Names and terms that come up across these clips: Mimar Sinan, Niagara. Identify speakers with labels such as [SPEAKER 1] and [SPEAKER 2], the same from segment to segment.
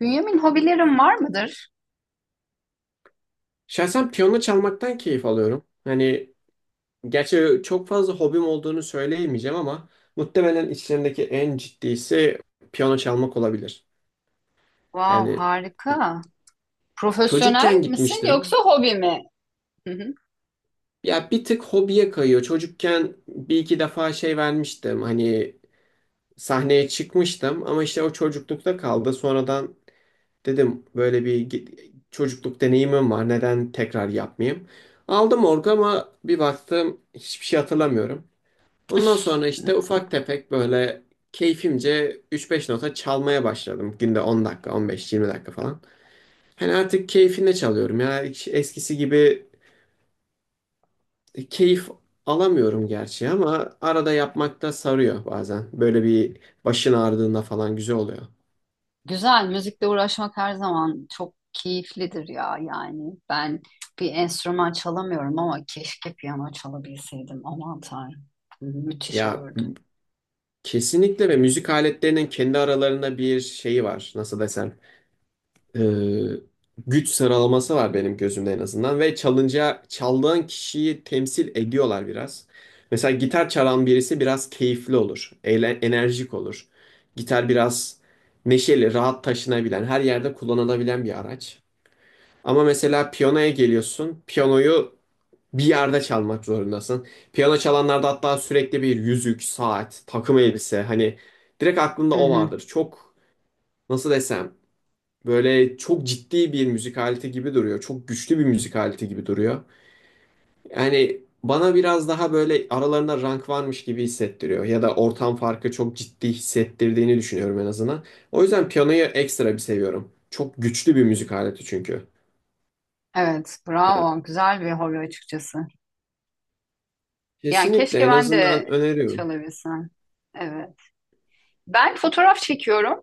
[SPEAKER 1] Bünyamin, hobilerin var mıdır?
[SPEAKER 2] Şahsen piyano çalmaktan keyif alıyorum. Hani gerçi çok fazla hobim olduğunu söyleyemeyeceğim ama muhtemelen içlerindeki en ciddisi piyano çalmak olabilir.
[SPEAKER 1] Wow,
[SPEAKER 2] Yani
[SPEAKER 1] harika. Profesyonel
[SPEAKER 2] çocukken
[SPEAKER 1] misin yoksa
[SPEAKER 2] gitmiştim.
[SPEAKER 1] hobi mi? Hı hı.
[SPEAKER 2] Ya bir tık hobiye kayıyor. Çocukken bir iki defa şey vermiştim. Hani sahneye çıkmıştım ama işte o çocuklukta kaldı. Sonradan dedim böyle bir çocukluk deneyimim var. Neden tekrar yapmayayım? Aldım orgu ama bir baktım hiçbir şey hatırlamıyorum. Ondan sonra işte ufak tefek böyle keyfimce 3-5 nota çalmaya başladım. Günde 10 dakika, 15-20 dakika falan. Hani artık keyfine çalıyorum ya. Hiç eskisi gibi keyif alamıyorum gerçi ama arada yapmak da sarıyor bazen. Böyle bir başın ağrıdığında falan güzel oluyor.
[SPEAKER 1] Güzel, müzikle uğraşmak her zaman çok keyiflidir ya yani. Ben bir enstrüman çalamıyorum ama keşke piyano çalabilseydim. Aman Tanrım, hı hı, müthiş
[SPEAKER 2] Ya
[SPEAKER 1] olurdu.
[SPEAKER 2] kesinlikle ve müzik aletlerinin kendi aralarında bir şeyi var. Nasıl desem? e, Güç sıralaması var benim gözümde en azından ve çalınca çaldığın kişiyi temsil ediyorlar biraz. Mesela gitar çalan birisi biraz keyifli olur, eğlen, enerjik olur. Gitar biraz neşeli, rahat taşınabilen, her yerde kullanılabilen bir araç. Ama mesela piyanoya geliyorsun, piyanoyu bir yerde çalmak zorundasın. Piyano çalanlarda hatta sürekli bir yüzük, saat, takım elbise hani direkt aklında
[SPEAKER 1] Hı
[SPEAKER 2] o
[SPEAKER 1] hı.
[SPEAKER 2] vardır. Çok, nasıl desem, böyle çok ciddi bir müzik aleti gibi duruyor. Çok güçlü bir müzik aleti gibi duruyor. Yani bana biraz daha böyle aralarında rank varmış gibi hissettiriyor. Ya da ortam farkı çok ciddi hissettirdiğini düşünüyorum en azından. O yüzden piyanoyu ekstra bir seviyorum. Çok güçlü bir müzik aleti çünkü.
[SPEAKER 1] Evet,
[SPEAKER 2] Yani
[SPEAKER 1] bravo. Güzel bir hobi açıkçası. Yani
[SPEAKER 2] kesinlikle
[SPEAKER 1] keşke
[SPEAKER 2] en
[SPEAKER 1] ben
[SPEAKER 2] azından
[SPEAKER 1] de
[SPEAKER 2] öneriyorum.
[SPEAKER 1] çalabilsem. Evet. Ben fotoğraf çekiyorum.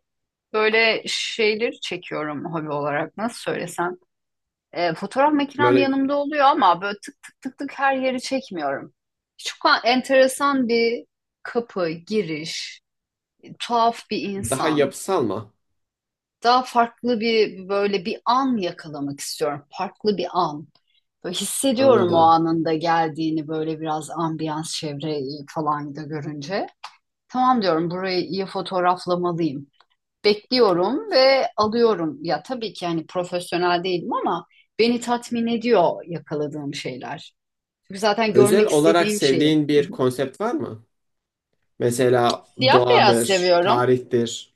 [SPEAKER 1] Böyle şeyleri çekiyorum hobi olarak. Nasıl söylesem? Fotoğraf makinem
[SPEAKER 2] Böyle
[SPEAKER 1] yanımda oluyor ama böyle tık tık tık tık her yeri çekmiyorum. Çok enteresan bir kapı, giriş, tuhaf bir
[SPEAKER 2] daha
[SPEAKER 1] insan.
[SPEAKER 2] yapısal mı?
[SPEAKER 1] Daha farklı bir böyle bir an yakalamak istiyorum. Farklı bir an. Böyle hissediyorum o
[SPEAKER 2] Anladım.
[SPEAKER 1] anında geldiğini, böyle biraz ambiyans, çevre falan da görünce. Tamam diyorum, burayı iyi fotoğraflamalıyım, bekliyorum ve alıyorum. Ya tabii ki yani profesyonel değilim ama beni tatmin ediyor yakaladığım şeyler. Çünkü zaten
[SPEAKER 2] Özel
[SPEAKER 1] görmek
[SPEAKER 2] olarak
[SPEAKER 1] istediğim şeyi.
[SPEAKER 2] sevdiğin bir konsept var mı? Mesela
[SPEAKER 1] Siyah beyaz
[SPEAKER 2] doğadır,
[SPEAKER 1] seviyorum.
[SPEAKER 2] tarihtir,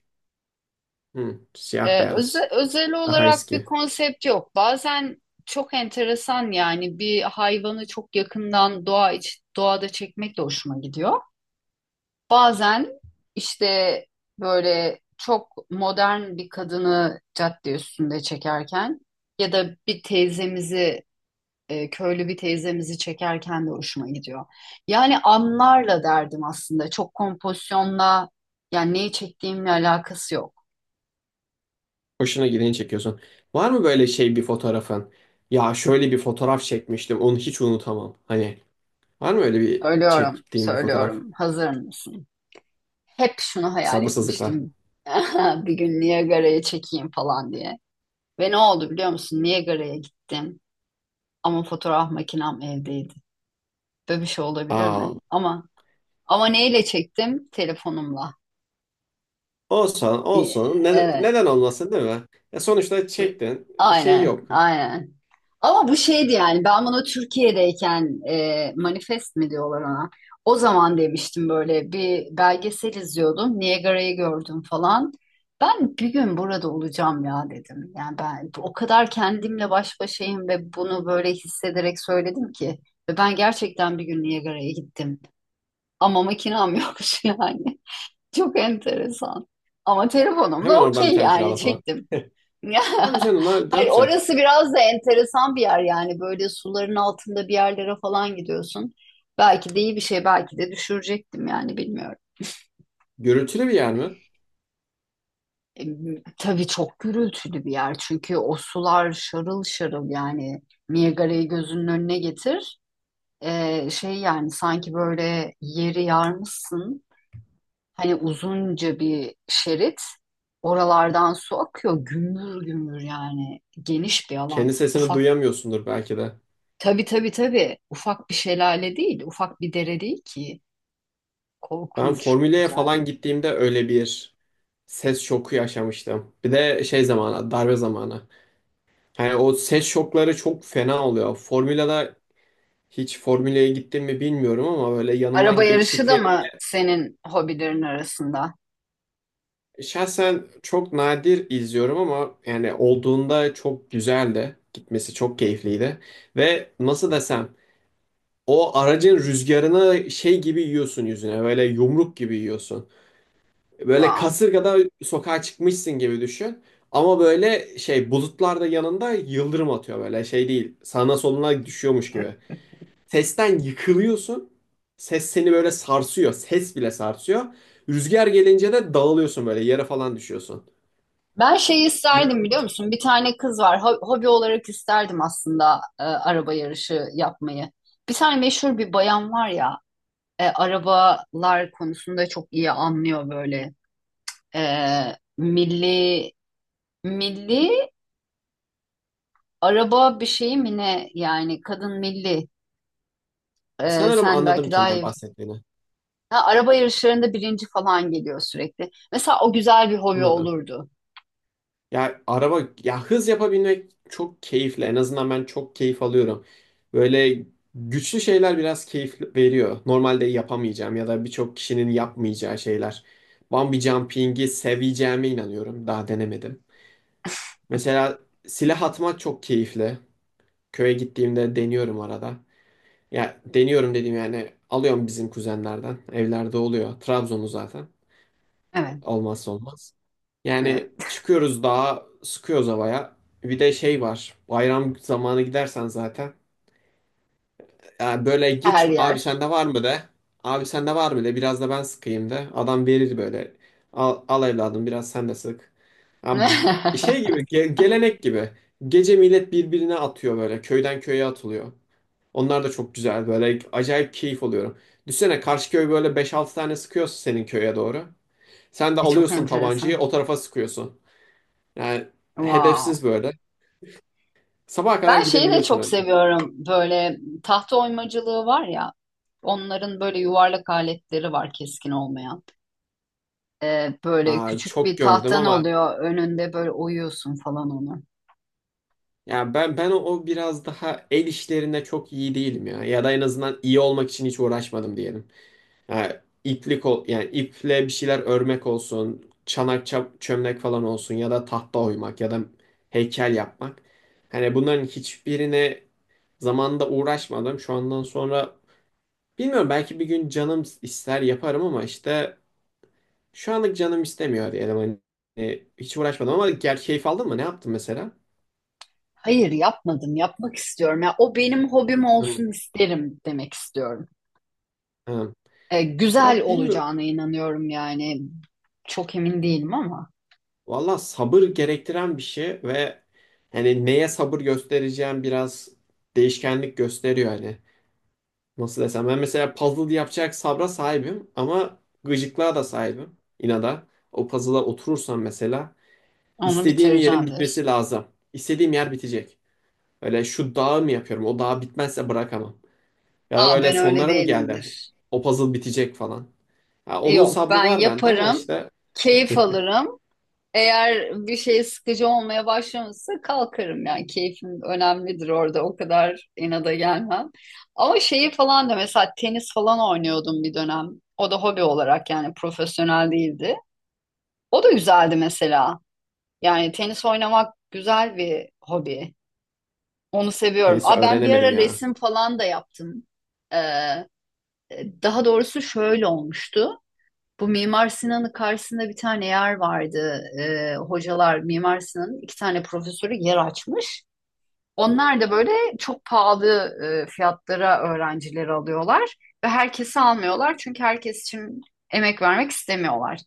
[SPEAKER 2] hı, siyah beyaz,
[SPEAKER 1] Özel
[SPEAKER 2] daha
[SPEAKER 1] olarak bir
[SPEAKER 2] eski.
[SPEAKER 1] konsept yok. Bazen çok enteresan yani, bir hayvanı çok yakından doğa iç, doğada çekmek de hoşuma gidiyor. Bazen işte böyle çok modern bir kadını cadde üstünde çekerken ya da bir teyzemizi, köylü bir teyzemizi çekerken de hoşuma gidiyor. Yani anlarla derdim aslında. Çok kompozisyonla, yani neyi çektiğimle alakası yok.
[SPEAKER 2] Hoşuna gideni çekiyorsun. Var mı böyle şey bir fotoğrafın? Ya şöyle bir fotoğraf çekmiştim, onu hiç unutamam. Hani var mı öyle bir
[SPEAKER 1] Söylüyorum,
[SPEAKER 2] çektiğin bir fotoğraf?
[SPEAKER 1] söylüyorum. Hazır mısın? Hep şunu hayal
[SPEAKER 2] Sabırsızlıkla.
[SPEAKER 1] etmiştim. Bir gün Niagara'ya çekeyim falan diye. Ve ne oldu biliyor musun? Niagara'ya gittim. Ama fotoğraf makinem evdeydi. Böyle bir şey olabilir
[SPEAKER 2] Aa,
[SPEAKER 1] mi? Ama neyle çektim? Telefonumla.
[SPEAKER 2] olsun
[SPEAKER 1] Ee,
[SPEAKER 2] olsun. Ne-
[SPEAKER 1] Evet.
[SPEAKER 2] neden olmasın değil mi? Ya sonuçta çektin. Şey
[SPEAKER 1] Aynen,
[SPEAKER 2] yok.
[SPEAKER 1] aynen. Ama bu şeydi yani, ben bunu Türkiye'deyken manifest mi diyorlar ona. O zaman demiştim, böyle bir belgesel izliyordum. Niagara'yı gördüm falan. Ben bir gün burada olacağım ya dedim. Yani ben o kadar kendimle baş başayım ve bunu böyle hissederek söyledim ki. Ve ben gerçekten bir gün Niagara'ya gittim. Ama makinam yokmuş yani. Çok enteresan. Ama
[SPEAKER 2] Hemen
[SPEAKER 1] telefonumla
[SPEAKER 2] oradan bir
[SPEAKER 1] okey
[SPEAKER 2] tane
[SPEAKER 1] yani
[SPEAKER 2] kirala falan.
[SPEAKER 1] çektim. Ya,
[SPEAKER 2] Tabii canım ne, ne
[SPEAKER 1] hayır,
[SPEAKER 2] yapacaksın?
[SPEAKER 1] orası biraz da enteresan bir yer yani, böyle suların altında bir yerlere falan gidiyorsun. Belki de iyi bir şey, belki de düşürecektim yani bilmiyorum.
[SPEAKER 2] Gürültülü bir yer mi?
[SPEAKER 1] E, tabii çok gürültülü bir yer, çünkü o sular şarıl şarıl yani. Niagara'yı gözünün önüne getir. Şey yani, sanki böyle yeri yarmışsın, hani uzunca bir şerit, oralardan su akıyor gümbür gümbür, yani geniş bir alan.
[SPEAKER 2] Kendi sesini
[SPEAKER 1] Ufak.
[SPEAKER 2] duyamıyorsundur belki de.
[SPEAKER 1] Tabii tabii tabii. Ufak bir şelale değil, ufak bir dere değil ki.
[SPEAKER 2] Ben
[SPEAKER 1] Korkunç,
[SPEAKER 2] Formüla'ya
[SPEAKER 1] güzel.
[SPEAKER 2] falan gittiğimde öyle bir ses şoku yaşamıştım. Bir de şey zamanı, darbe zamanı. Yani o ses şokları çok fena oluyor. Formula'da hiç Formula'ya gittim mi bilmiyorum ama böyle
[SPEAKER 1] Araba
[SPEAKER 2] yanından
[SPEAKER 1] yarışı da
[SPEAKER 2] geçtikleri
[SPEAKER 1] mı senin hobilerin arasında?
[SPEAKER 2] şahsen çok nadir izliyorum ama yani olduğunda çok güzeldi. Gitmesi çok keyifliydi. Ve nasıl desem o aracın rüzgarını şey gibi yiyorsun yüzüne. Böyle yumruk gibi yiyorsun. Böyle
[SPEAKER 1] Wow.
[SPEAKER 2] kasırgada sokağa çıkmışsın gibi düşün. Ama böyle şey bulutlar da yanında yıldırım atıyor böyle şey değil. Sağına soluna düşüyormuş gibi. Sesten yıkılıyorsun. Ses seni böyle sarsıyor. Ses bile sarsıyor. Rüzgar gelince de dağılıyorsun böyle yere falan düşüyorsun.
[SPEAKER 1] Ben şeyi isterdim biliyor musun? Bir tane kız var. Hobi olarak isterdim aslında, araba yarışı yapmayı. Bir tane meşhur bir bayan var ya, arabalar konusunda çok iyi anlıyor böyle. E, milli, milli araba bir şeyi mi ne? Yani kadın milli.
[SPEAKER 2] Sanırım
[SPEAKER 1] Sen
[SPEAKER 2] anladım
[SPEAKER 1] belki daha
[SPEAKER 2] kimden
[SPEAKER 1] iyi.
[SPEAKER 2] bahsettiğini.
[SPEAKER 1] Ha, araba yarışlarında birinci falan geliyor sürekli. Mesela o güzel bir hobi
[SPEAKER 2] Anladım.
[SPEAKER 1] olurdu.
[SPEAKER 2] Ya araba ya hız yapabilmek çok keyifli. En azından ben çok keyif alıyorum. Böyle güçlü şeyler biraz keyif veriyor. Normalde yapamayacağım ya da birçok kişinin yapmayacağı şeyler. Bungee jumping'i seveceğime inanıyorum. Daha denemedim. Mesela silah atmak çok keyifli. Köye gittiğimde deniyorum arada. Ya deniyorum dediğim yani alıyorum bizim kuzenlerden. Evlerde oluyor. Trabzon'u zaten.
[SPEAKER 1] Evet.
[SPEAKER 2] Olmazsa olmaz.
[SPEAKER 1] Evet.
[SPEAKER 2] Yani çıkıyoruz dağa, sıkıyoruz havaya. Bir de şey var. Bayram zamanı gidersen zaten. Yani böyle
[SPEAKER 1] Her
[SPEAKER 2] git
[SPEAKER 1] yer.
[SPEAKER 2] abi sende var mı de. Abi sende var mı de biraz da ben sıkayım de. Adam verir böyle. Al, al evladım biraz sen de sık. Abi şey gibi gelenek gibi. Gece millet birbirine atıyor böyle. Köyden köye atılıyor. Onlar da çok güzel böyle acayip keyif alıyorum. Düşsene karşı köy böyle beş altı tane sıkıyorsun senin köye doğru. Sen de
[SPEAKER 1] Çok
[SPEAKER 2] alıyorsun tabancayı
[SPEAKER 1] enteresan.
[SPEAKER 2] o tarafa sıkıyorsun. Yani
[SPEAKER 1] Wow.
[SPEAKER 2] hedefsiz böyle. Sabaha kadar
[SPEAKER 1] Ben şeyi de
[SPEAKER 2] gidebiliyorsun
[SPEAKER 1] çok
[SPEAKER 2] öyle.
[SPEAKER 1] seviyorum. Böyle tahta oymacılığı var ya. Onların böyle yuvarlak aletleri var, keskin olmayan. Böyle
[SPEAKER 2] Aa,
[SPEAKER 1] küçük
[SPEAKER 2] çok
[SPEAKER 1] bir
[SPEAKER 2] gördüm
[SPEAKER 1] tahtan
[SPEAKER 2] ama
[SPEAKER 1] oluyor önünde, böyle oyuyorsun falan onu.
[SPEAKER 2] ya ben o biraz daha el işlerinde çok iyi değilim ya. Ya da en azından iyi olmak için hiç uğraşmadım diyelim. Yani iplik ol yani iple bir şeyler örmek olsun, çanak çömlek falan olsun ya da tahta oymak ya da heykel yapmak. Hani bunların hiçbirine zamanında uğraşmadım. Şu andan sonra bilmiyorum belki bir gün canım ister yaparım ama işte şu anlık canım istemiyor diyelim hani. Hiç uğraşmadım ama gel keyif aldın mı? Ne yaptın mesela?
[SPEAKER 1] Hayır yapmadım, yapmak istiyorum. Ya, o benim hobim
[SPEAKER 2] Hı,
[SPEAKER 1] olsun isterim demek istiyorum.
[SPEAKER 2] hı.
[SPEAKER 1] Güzel
[SPEAKER 2] Ya bilmiyorum.
[SPEAKER 1] olacağına inanıyorum yani. Çok emin değilim ama
[SPEAKER 2] Valla sabır gerektiren bir şey ve hani neye sabır göstereceğim biraz değişkenlik gösteriyor hani. Nasıl desem ben mesela puzzle yapacak sabra sahibim ama gıcıklığa da sahibim inada. O puzzle'a oturursam mesela
[SPEAKER 1] onu
[SPEAKER 2] istediğim yerin
[SPEAKER 1] bitireceğim diyorsun.
[SPEAKER 2] bitmesi lazım. İstediğim yer bitecek. Öyle şu dağı mı yapıyorum? O dağ bitmezse bırakamam. Ya da
[SPEAKER 1] Aa,
[SPEAKER 2] böyle
[SPEAKER 1] ben öyle
[SPEAKER 2] sonlara mı geldi?
[SPEAKER 1] değilimdir.
[SPEAKER 2] O puzzle bitecek falan. Ya onun
[SPEAKER 1] Yok,
[SPEAKER 2] sabrı
[SPEAKER 1] ben
[SPEAKER 2] var bende ama
[SPEAKER 1] yaparım,
[SPEAKER 2] işte
[SPEAKER 1] keyif alırım. Eğer bir şey sıkıcı olmaya başlamışsa kalkarım yani. Keyfim önemlidir orada, o kadar inada gelmem. Ama şeyi falan da, mesela tenis falan oynuyordum bir dönem. O da hobi olarak, yani profesyonel değildi. O da güzeldi mesela. Yani tenis oynamak güzel bir hobi. Onu seviyorum.
[SPEAKER 2] tenisi
[SPEAKER 1] Aa, ben bir ara
[SPEAKER 2] öğrenemedim ya.
[SPEAKER 1] resim falan da yaptım. Ee, Daha doğrusu şöyle olmuştu. Bu Mimar Sinan'ın karşısında bir tane yer vardı. Hocalar, Mimar Sinan'ın iki tane profesörü yer açmış. Onlar da böyle çok pahalı fiyatlara öğrencileri alıyorlar ve herkesi almıyorlar, çünkü herkes için emek vermek istemiyorlar.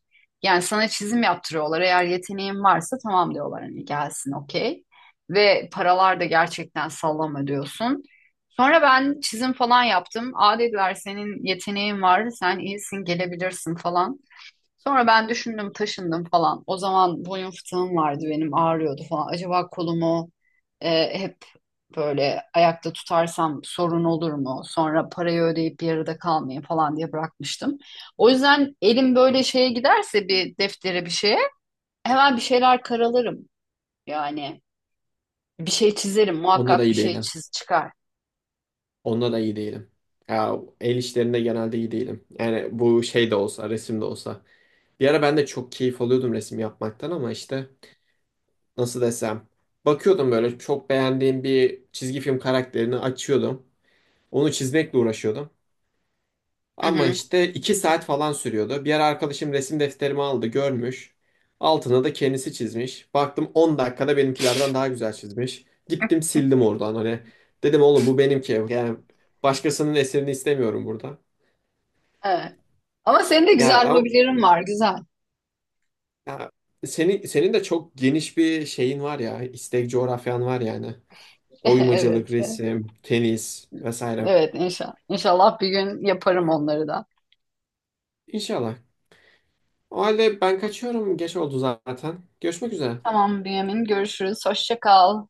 [SPEAKER 1] Yani sana çizim yaptırıyorlar. Eğer yeteneğin varsa tamam diyorlar hani, gelsin okey. Ve paralar da gerçekten sallama diyorsun. Sonra ben çizim falan yaptım. Aa dediler, senin yeteneğin var, sen iyisin, gelebilirsin falan. Sonra ben düşündüm, taşındım falan. O zaman boyun fıtığım vardı benim, ağrıyordu falan. Acaba kolumu hep böyle ayakta tutarsam sorun olur mu? Sonra parayı ödeyip yarıda kalmayayım falan diye bırakmıştım. O yüzden elim böyle şeye giderse, bir deftere bir şeye, hemen bir şeyler karalarım. Yani bir şey çizerim,
[SPEAKER 2] Onda da
[SPEAKER 1] muhakkak bir
[SPEAKER 2] iyi
[SPEAKER 1] şey
[SPEAKER 2] değilim.
[SPEAKER 1] çıkar.
[SPEAKER 2] Onda da iyi değilim. Ya el işlerinde genelde iyi değilim. Yani bu şey de olsa, resim de olsa. Bir ara ben de çok keyif alıyordum resim yapmaktan ama işte nasıl desem. Bakıyordum böyle çok beğendiğim bir çizgi film karakterini açıyordum. Onu çizmekle uğraşıyordum.
[SPEAKER 1] Hı
[SPEAKER 2] Ama
[SPEAKER 1] hı,
[SPEAKER 2] işte 2 saat falan sürüyordu. Bir ara arkadaşım resim defterimi aldı, görmüş. Altına da kendisi çizmiş. Baktım 10 dakikada benimkilerden daha güzel çizmiş. Gittim sildim oradan hani. Dedim oğlum bu benimki. Yani başkasının eserini istemiyorum burada.
[SPEAKER 1] evet. Ama senin de
[SPEAKER 2] Ya
[SPEAKER 1] güzel
[SPEAKER 2] ama
[SPEAKER 1] hobilerin var, güzel.
[SPEAKER 2] ya senin de çok geniş bir şeyin var ya. İstek coğrafyan var yani.
[SPEAKER 1] Evet,
[SPEAKER 2] Oymacılık, resim, tenis vesaire.
[SPEAKER 1] evet inşallah. İnşallah bir gün yaparım onları da.
[SPEAKER 2] İnşallah. O halde ben kaçıyorum. Geç oldu zaten. Görüşmek üzere.
[SPEAKER 1] Tamam Bünyamin. Görüşürüz. Hoşça kal.